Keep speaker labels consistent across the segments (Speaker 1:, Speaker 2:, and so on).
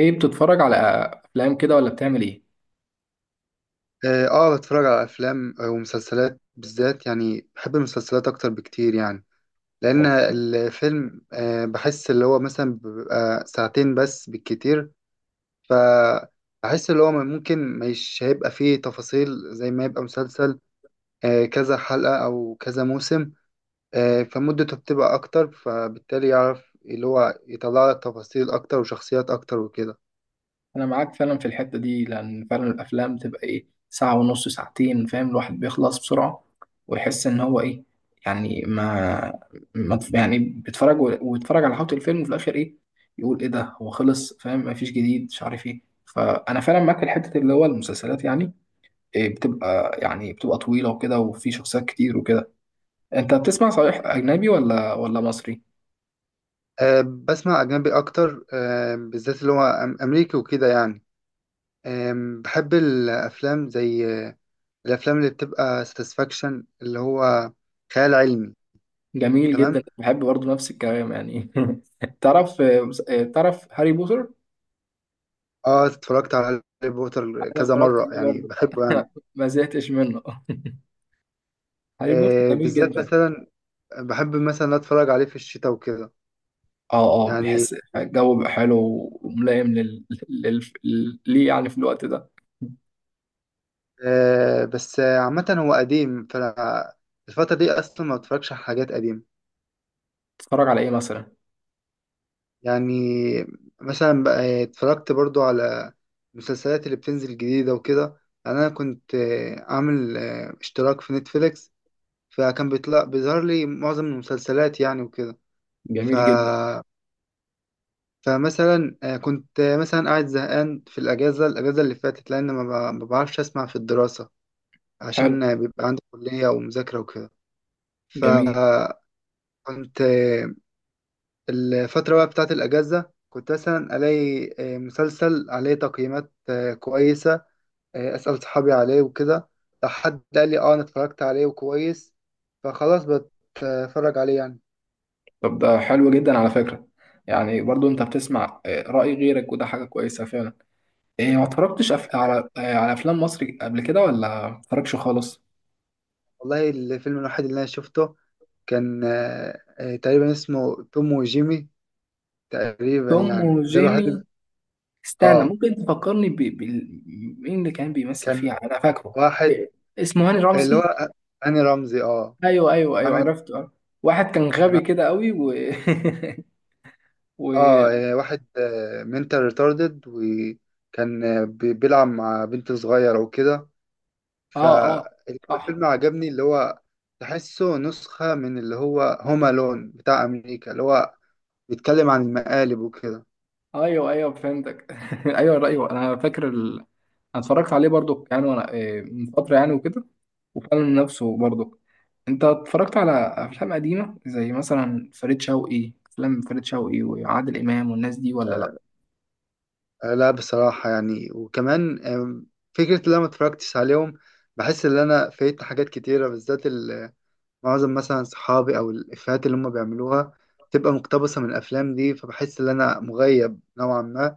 Speaker 1: ايه بتتفرج على افلام كده ولا بتعمل ايه؟
Speaker 2: اه، بتفرج على افلام ومسلسلات، بالذات يعني بحب المسلسلات اكتر بكتير يعني، لان
Speaker 1: والله.
Speaker 2: الفيلم بحس اللي هو مثلا بيبقى ساعتين بس بالكتير. فبحس اللي هو ممكن مش هيبقى فيه تفاصيل زي ما يبقى مسلسل، كذا حلقة او كذا موسم. فمدته بتبقى اكتر، فبالتالي يعرف اللي هو يطلع لك تفاصيل اكتر وشخصيات اكتر وكده.
Speaker 1: انا معاك فعلا في الحته دي، لان فعلا الافلام بتبقى ايه ساعه ونص ساعتين، فاهم الواحد بيخلص بسرعه، ويحس ان هو ايه يعني ما يعني بيتفرج ويتفرج على حوض الفيلم، وفي الاخر ايه يقول ايه ده، هو خلص، فاهم؟ مفيش جديد، مش عارف ايه. فانا فعلا معاك في الحته اللي هو المسلسلات، يعني إيه، بتبقى يعني بتبقى طويله وكده، وفي شخصيات كتير وكده. انت بتسمع صحيح اجنبي ولا مصري؟
Speaker 2: آه بسمع اجنبي اكتر، بالذات اللي هو امريكي وكده يعني. بحب الأفلام زي الأفلام اللي بتبقى ساتسفاكشن، اللي هو خيال علمي.
Speaker 1: جميل جدا،
Speaker 2: تمام.
Speaker 1: بحب برضه نفس الكلام يعني. تعرف تعرف هاري بوتر؟
Speaker 2: اه، اتفرجت على هاري بوتر
Speaker 1: انا
Speaker 2: كذا
Speaker 1: اتفرجت
Speaker 2: مرة
Speaker 1: عليه
Speaker 2: يعني،
Speaker 1: برضه.
Speaker 2: بحبه يعني.
Speaker 1: ما زهقتش منه. هاري بوتر جميل
Speaker 2: بالذات
Speaker 1: جدا.
Speaker 2: مثلا بحب مثلا أتفرج عليه في الشتاء وكده
Speaker 1: اه، اه،
Speaker 2: يعني.
Speaker 1: بيحس الجو بيبقى حلو، وملائم ليه يعني في الوقت ده.
Speaker 2: بس عامة هو قديم، فالفترة دي أصلا ما بتفرجش على حاجات قديمة.
Speaker 1: تتفرج على ايه مثلا؟
Speaker 2: يعني مثلا بقى اتفرجت برضو على المسلسلات اللي بتنزل جديدة وكده يعني، أنا كنت عامل اشتراك في نتفليكس، فكان بيطلع بيظهر لي معظم المسلسلات يعني وكده. ف...
Speaker 1: جميل جدا.
Speaker 2: فمثلا كنت مثلا قاعد زهقان في الأجازة، الأجازة اللي فاتت، لأن ما بعرفش أسمع في الدراسة،
Speaker 1: حلو.
Speaker 2: عشان بيبقى عندي كلية ومذاكرة وكده.
Speaker 1: جميل.
Speaker 2: فكنت الفترة بقى بتاعت الأجازة كنت مثلا ألاقي مسلسل عليه تقييمات كويسة، أسأل صحابي عليه وكده، لو حد قال لي أه أنا اتفرجت عليه وكويس، فخلاص بتفرج عليه يعني.
Speaker 1: طب ده حلو جدا على فكرة. يعني برضو انت بتسمع رأي غيرك، وده حاجة كويسة فعلا. إيه، ما اتفرجتش أف... على آه، على افلام مصري قبل كده، ولا ما اتفرجتش خالص؟
Speaker 2: والله الفيلم الوحيد اللي أنا شفته كان تقريبا اسمه توم وجيمي، تقريبا
Speaker 1: توم
Speaker 2: يعني، ده الوحيد
Speaker 1: وجيمي. استنى،
Speaker 2: أه.
Speaker 1: ممكن تفكرني مين اللي كان بيمثل فيها؟
Speaker 2: كان
Speaker 1: انا فاكره.
Speaker 2: واحد
Speaker 1: إيه، اسمه هاني
Speaker 2: اللي
Speaker 1: رمزي.
Speaker 2: هو هاني رمزي
Speaker 1: ايوه، ايوه، ايوه،
Speaker 2: عامل،
Speaker 1: عرفته آه. واحد كان غبي
Speaker 2: كان
Speaker 1: كده قوي و و
Speaker 2: واحد منتال ريتاردد، وكان بيلعب مع بنت صغيرة وكده.
Speaker 1: اه، اه، صح.
Speaker 2: فالفيلم عجبني، اللي هو تحسه نسخة من اللي هو هوم لون بتاع أمريكا، اللي هو بيتكلم عن المقالب وكده.
Speaker 1: ايوه، ايوه، فهمتك. ايوه، ايوه، انا فاكر انا اتفرجت عليه برضو يعني، وانا من فتره يعني وكده. وفعلا نفسه برضو. انت اتفرجت على افلام قديمه زي مثلا فريد شوقي افلام فريد شوقي وعادل امام والناس دي، ولا لا؟
Speaker 2: لا بصراحة يعني، وكمان فكرة اللي أنا متفرجتش عليهم بحس إن أنا فايت حاجات كتيرة، بالذات معظم مثلا صحابي أو الإفيهات اللي هم بيعملوها تبقى مقتبسة من الأفلام دي، فبحس إن أنا مغيب نوعا ما،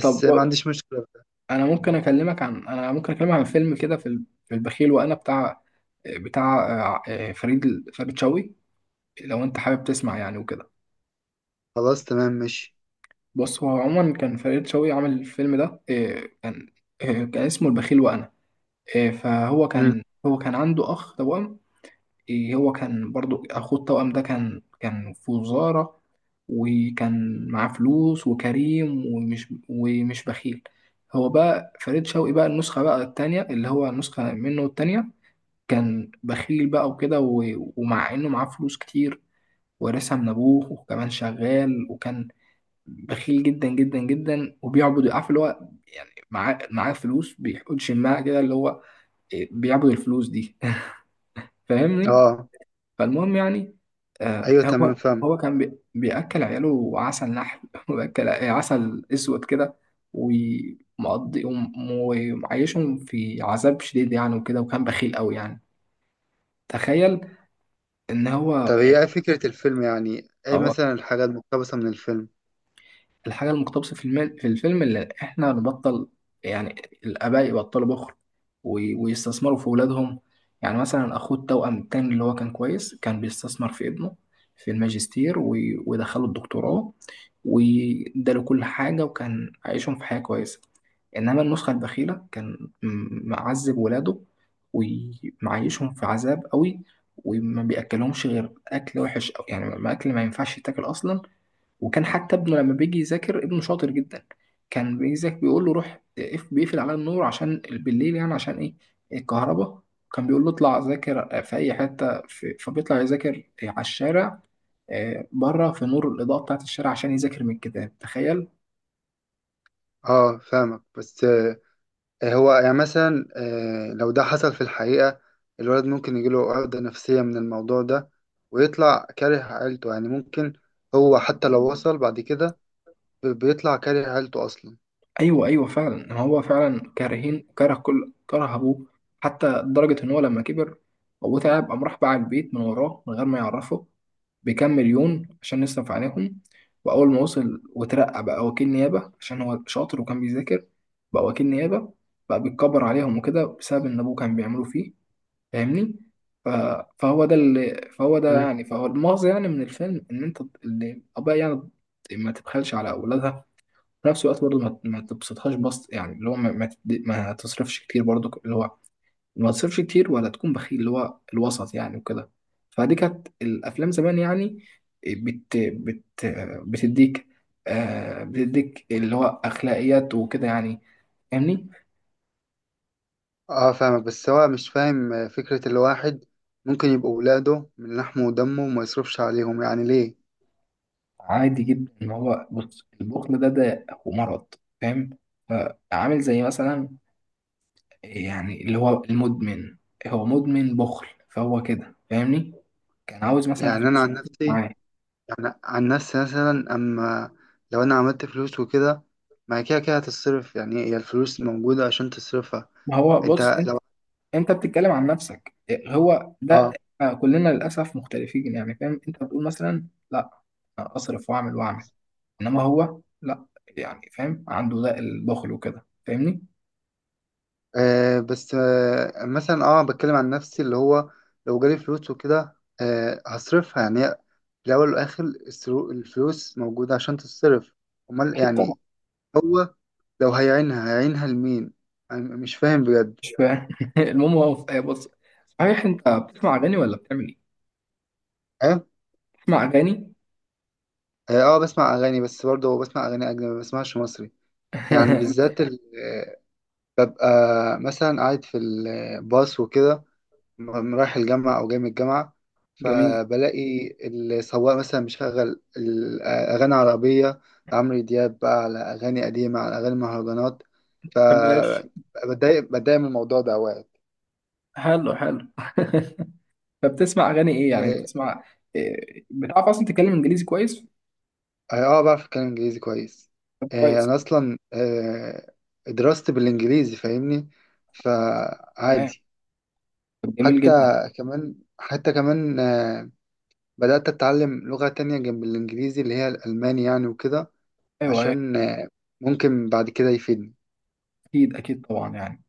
Speaker 1: طب
Speaker 2: ما عنديش مشكلة.
Speaker 1: انا ممكن اكلمك عن فيلم كده في في البخيل وانا بتاع بتاع فريد شوقي، لو انت حابب تسمع يعني وكده.
Speaker 2: خلاص، تمام، ماشي.
Speaker 1: بص، هو عموما كان فريد شوقي عامل الفيلم ده، كان اسمه البخيل وانا. فهو
Speaker 2: مم.
Speaker 1: كان هو كان عنده اخ توأم. هو كان برضو، اخوه التوأم ده كان في وزارة، وكان معاه فلوس وكريم ومش بخيل. هو بقى فريد شوقي، بقى النسخة بقى التانية، اللي هو النسخة منه التانية، كان بخيل بقى وكده ومع انه معاه فلوس كتير، وارثها من ابوه، وكمان شغال. وكان بخيل جدا جدا جدا، وبيعبد عارف اللي هو يعني معاه فلوس، بيحط شماعة كده اللي هو بيعبد الفلوس دي. فاهمني؟
Speaker 2: اه،
Speaker 1: فالمهم يعني، آه
Speaker 2: ايوه، تمام،
Speaker 1: هو
Speaker 2: فاهمة.
Speaker 1: هو كان بياكل عياله عسل نحل، وبياكل عسل اسود كده، ومقضي ومعيشهم في عذاب شديد يعني وكده، وكان بخيل قوي يعني. تخيل ان هو.
Speaker 2: طب هي ايه فكرة الفيلم، يعني ايه مثلا الحاجة المقتبسة من الفيلم؟
Speaker 1: الحاجة المقتبسة في المال في الفيلم، اللي إحنا نبطل يعني. الآباء يبطلوا بخل، ويستثمروا في أولادهم. يعني مثلا، أخوه التوأم التاني اللي هو كان كويس، كان بيستثمر في ابنه في الماجستير، ودخله الدكتوراه، واداله كل حاجة، وكان عايشهم في حياة كويسة. إنما النسخة البخيلة، كان معذب ولاده،
Speaker 2: مم.
Speaker 1: ومعيشهم في عذاب قوي، وما بيأكلهمش غير أكل وحش أوي. يعني ما أكل ما ينفعش يتاكل أصلا. وكان حتى ابنه لما بيجي يذاكر، ابنه شاطر جدا، كان بيجي يذاكر بيقول له روح بيقفل على النور عشان بالليل، يعني عشان ايه؟ الكهرباء. كان بيقول له اطلع ذاكر في اي حته، فبيطلع يذاكر على الشارع، بره في نور الاضاءه بتاعه الشارع، عشان يذاكر من الكتاب. تخيل!
Speaker 2: اه فاهمك، بس هو يعني مثلا لو ده حصل في الحقيقة، الولد ممكن يجيله عقدة نفسية من الموضوع ده ويطلع كاره عيلته يعني، ممكن هو حتى لو وصل بعد كده بيطلع كاره عيلته اصلا.
Speaker 1: ايوه، ايوه، فعلا، هو فعلا كارهين كره كل كره ابوه، حتى لدرجه ان هو لما كبر، ابوه تعب، قام راح باع البيت من وراه من غير ما يعرفه، بكام مليون عشان نصرف عليهم. واول ما وصل وترقى بقى وكيل نيابه، عشان هو شاطر وكان بيذاكر، بقى وكيل نيابه، بقى بيتكبر عليهم وكده، بسبب ان ابوه كان بيعملوا فيه. فاهمني؟ ف- فهو ده اللي فهو ده يعني فهو المغزى يعني من الفيلم، ان انت اللي ابويا، يعني ما تبخلش على اولادها، في نفس الوقت برضه ما تبسطهاش بسط، يعني اللي هو ما تصرفش كتير، برضه اللي هو ما تصرفش كتير ولا تكون بخيل، اللي هو الوسط يعني وكده. فدي كانت الافلام زمان يعني، بت بت بتديك، بتديك اللي هو اخلاقيات وكده يعني. فاهمني؟
Speaker 2: اه فاهمك، بس هو مش فاهم فكرة الواحد ممكن يبقوا ولاده من لحمه ودمه وما يصرفش عليهم يعني، ليه؟
Speaker 1: عادي جدا ان هو، بص، البخل ده هو مرض، فاهم؟ فعامل زي مثلا، يعني اللي هو المدمن، هو مدمن بخل، فهو كده فاهمني؟ كان عاوز مثلا
Speaker 2: يعني أنا
Speaker 1: فلوس
Speaker 2: عن نفسي
Speaker 1: معاه.
Speaker 2: يعني عن نفسي مثلا، أما لو أنا عملت فلوس وكده، ما هي كده كده هتتصرف يعني، هي الفلوس موجودة عشان تصرفها.
Speaker 1: ما هو بص،
Speaker 2: أنت لو
Speaker 1: انت بتتكلم عن نفسك، هو ده.
Speaker 2: اه،
Speaker 1: كلنا للاسف مختلفين يعني، فاهم؟ انت بتقول مثلا لا، اصرف واعمل واعمل، انما هو لا، يعني فاهم، عنده ده البخل وكده، فاهمني؟
Speaker 2: بس مثلا بتكلم عن نفسي، اللي هو لو جالي فلوس وكده هصرفها يعني. هي في الأول والآخر الفلوس موجودة عشان تتصرف، أمال
Speaker 1: اكيد طبعا.
Speaker 2: يعني. هو لو هيعينها هيعينها لمين؟ أنا مش فاهم بجد.
Speaker 1: مش فاهم. المهم هو بص، صحيح انت بتسمع اغاني ولا بتعمل ايه؟
Speaker 2: ها.
Speaker 1: بتسمع اغاني؟
Speaker 2: هي اه، بسمع اغاني، بس برضه بسمع اغاني اجنبي ما بسمعش مصري يعني، بالذات ببقى مثلا قاعد في الباص وكده، رايح الجامعة أو جاي من الجامعة،
Speaker 1: جميل.
Speaker 2: فبلاقي السواق مثلا مشغل الأغاني العربية، عمرو دياب بقى، على أغاني قديمة، على أغاني مهرجانات،
Speaker 1: ما بحبهاش.
Speaker 2: فبتضايق بتضايق من الموضوع ده أوقات.
Speaker 1: حلو، حلو. فبتسمع اغاني ايه يعني؟
Speaker 2: آه،
Speaker 1: بتسمع إيه؟ بتعرف اصلا تتكلم انجليزي كويس؟
Speaker 2: اه، بعرف اتكلم انجليزي كويس.
Speaker 1: طب كويس.
Speaker 2: انا اصلا دراستي بالانجليزي فاهمني،
Speaker 1: تمام.
Speaker 2: فعادي.
Speaker 1: طب جميل
Speaker 2: حتى
Speaker 1: جدا.
Speaker 2: كمان، بدأت اتعلم لغة تانية جنب الانجليزي اللي هي الالماني يعني وكده،
Speaker 1: ايوه أيوه.
Speaker 2: عشان ممكن بعد كده يفيدني.
Speaker 1: اكيد، اكيد، طبعا يعني.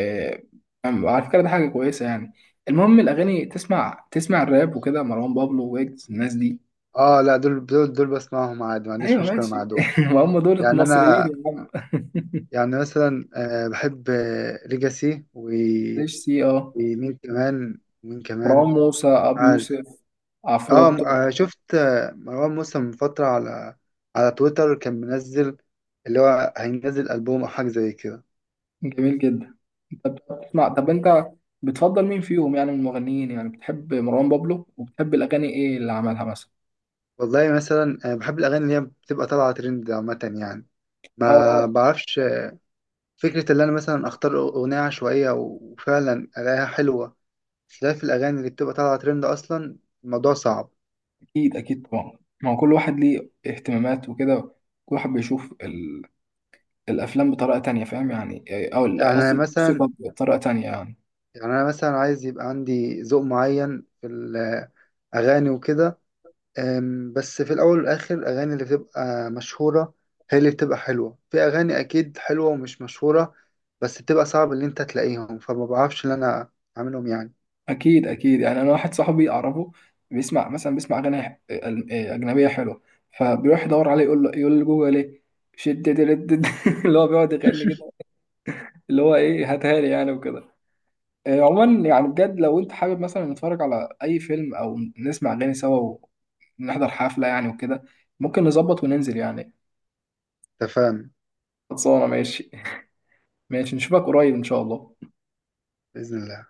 Speaker 1: آه، على فكره ده حاجه كويسه يعني. المهم الاغاني، تسمع الراب وكده، مروان بابلو ويجز الناس دي؟
Speaker 2: اه لا، دول بسمعهم عادي، ما عنديش
Speaker 1: ايوه
Speaker 2: مشكلة مع
Speaker 1: ماشي.
Speaker 2: دول.
Speaker 1: ما هم دول
Speaker 2: يعني
Speaker 1: مصريين
Speaker 2: انا
Speaker 1: يا عم.
Speaker 2: يعني مثلا بحب ليجاسي
Speaker 1: ليش سي، اه.
Speaker 2: ومين كمان، ومين
Speaker 1: مروان
Speaker 2: كمان
Speaker 1: موسى، ابو
Speaker 2: عارف.
Speaker 1: يوسف،
Speaker 2: اه
Speaker 1: عفروتو.
Speaker 2: شفت مروان موسى من فترة على تويتر كان منزل، اللي هو هينزل ألبوم أو حاجة زي كده.
Speaker 1: جميل جدا، انت بتسمع، طب انت بتفضل مين فيهم يعني من المغنيين؟ يعني بتحب مروان بابلو، وبتحب الاغاني ايه اللي عملها مثلا؟
Speaker 2: والله مثلا بحب الأغاني اللي هي بتبقى طالعة ترند عامة يعني،
Speaker 1: اه،
Speaker 2: ما
Speaker 1: اه،
Speaker 2: بعرفش فكرة اللي أنا مثلا أختار أغنية عشوائية وفعلا ألاقيها حلوة، خلاف الأغاني اللي بتبقى طالعة ترند أصلا الموضوع صعب.
Speaker 1: اكيد، اكيد، طبعا. ما هو كل واحد ليه اهتمامات وكده، كل واحد بيشوف الافلام بطريقه تانية، فاهم يعني، او
Speaker 2: يعني أنا
Speaker 1: قصدي
Speaker 2: مثلا
Speaker 1: الموسيقى بطريقه تانية يعني.
Speaker 2: يعني أنا مثلا عايز يبقى عندي ذوق معين في الأغاني وكده. بس في الأول والآخر الأغاني اللي بتبقى مشهورة هي اللي بتبقى حلوة، في أغاني أكيد حلوة ومش مشهورة بس بتبقى صعب إن أنت تلاقيهم، فما بعرفش إن أنا أعملهم يعني.
Speaker 1: اكيد، اكيد يعني، انا واحد صاحبي اعرفه، بيسمع اغاني ح- أل- إيه، اجنبيه حلوه، فبيروح يدور عليه، يقول لجوجل ايه شد دد. اللي هو بيقعد يغني كده، اللي هو ايه، هاتها لي يعني وكده. عموما يعني، بجد لو انت حابب مثلا نتفرج على اي فيلم، او نسمع اغاني سوا، ونحضر حفله يعني وكده، ممكن نظبط وننزل يعني.
Speaker 2: أنت فاهم.
Speaker 1: خلصانه، ماشي. ماشي، نشوفك قريب ان شاء الله.
Speaker 2: بإذن الله.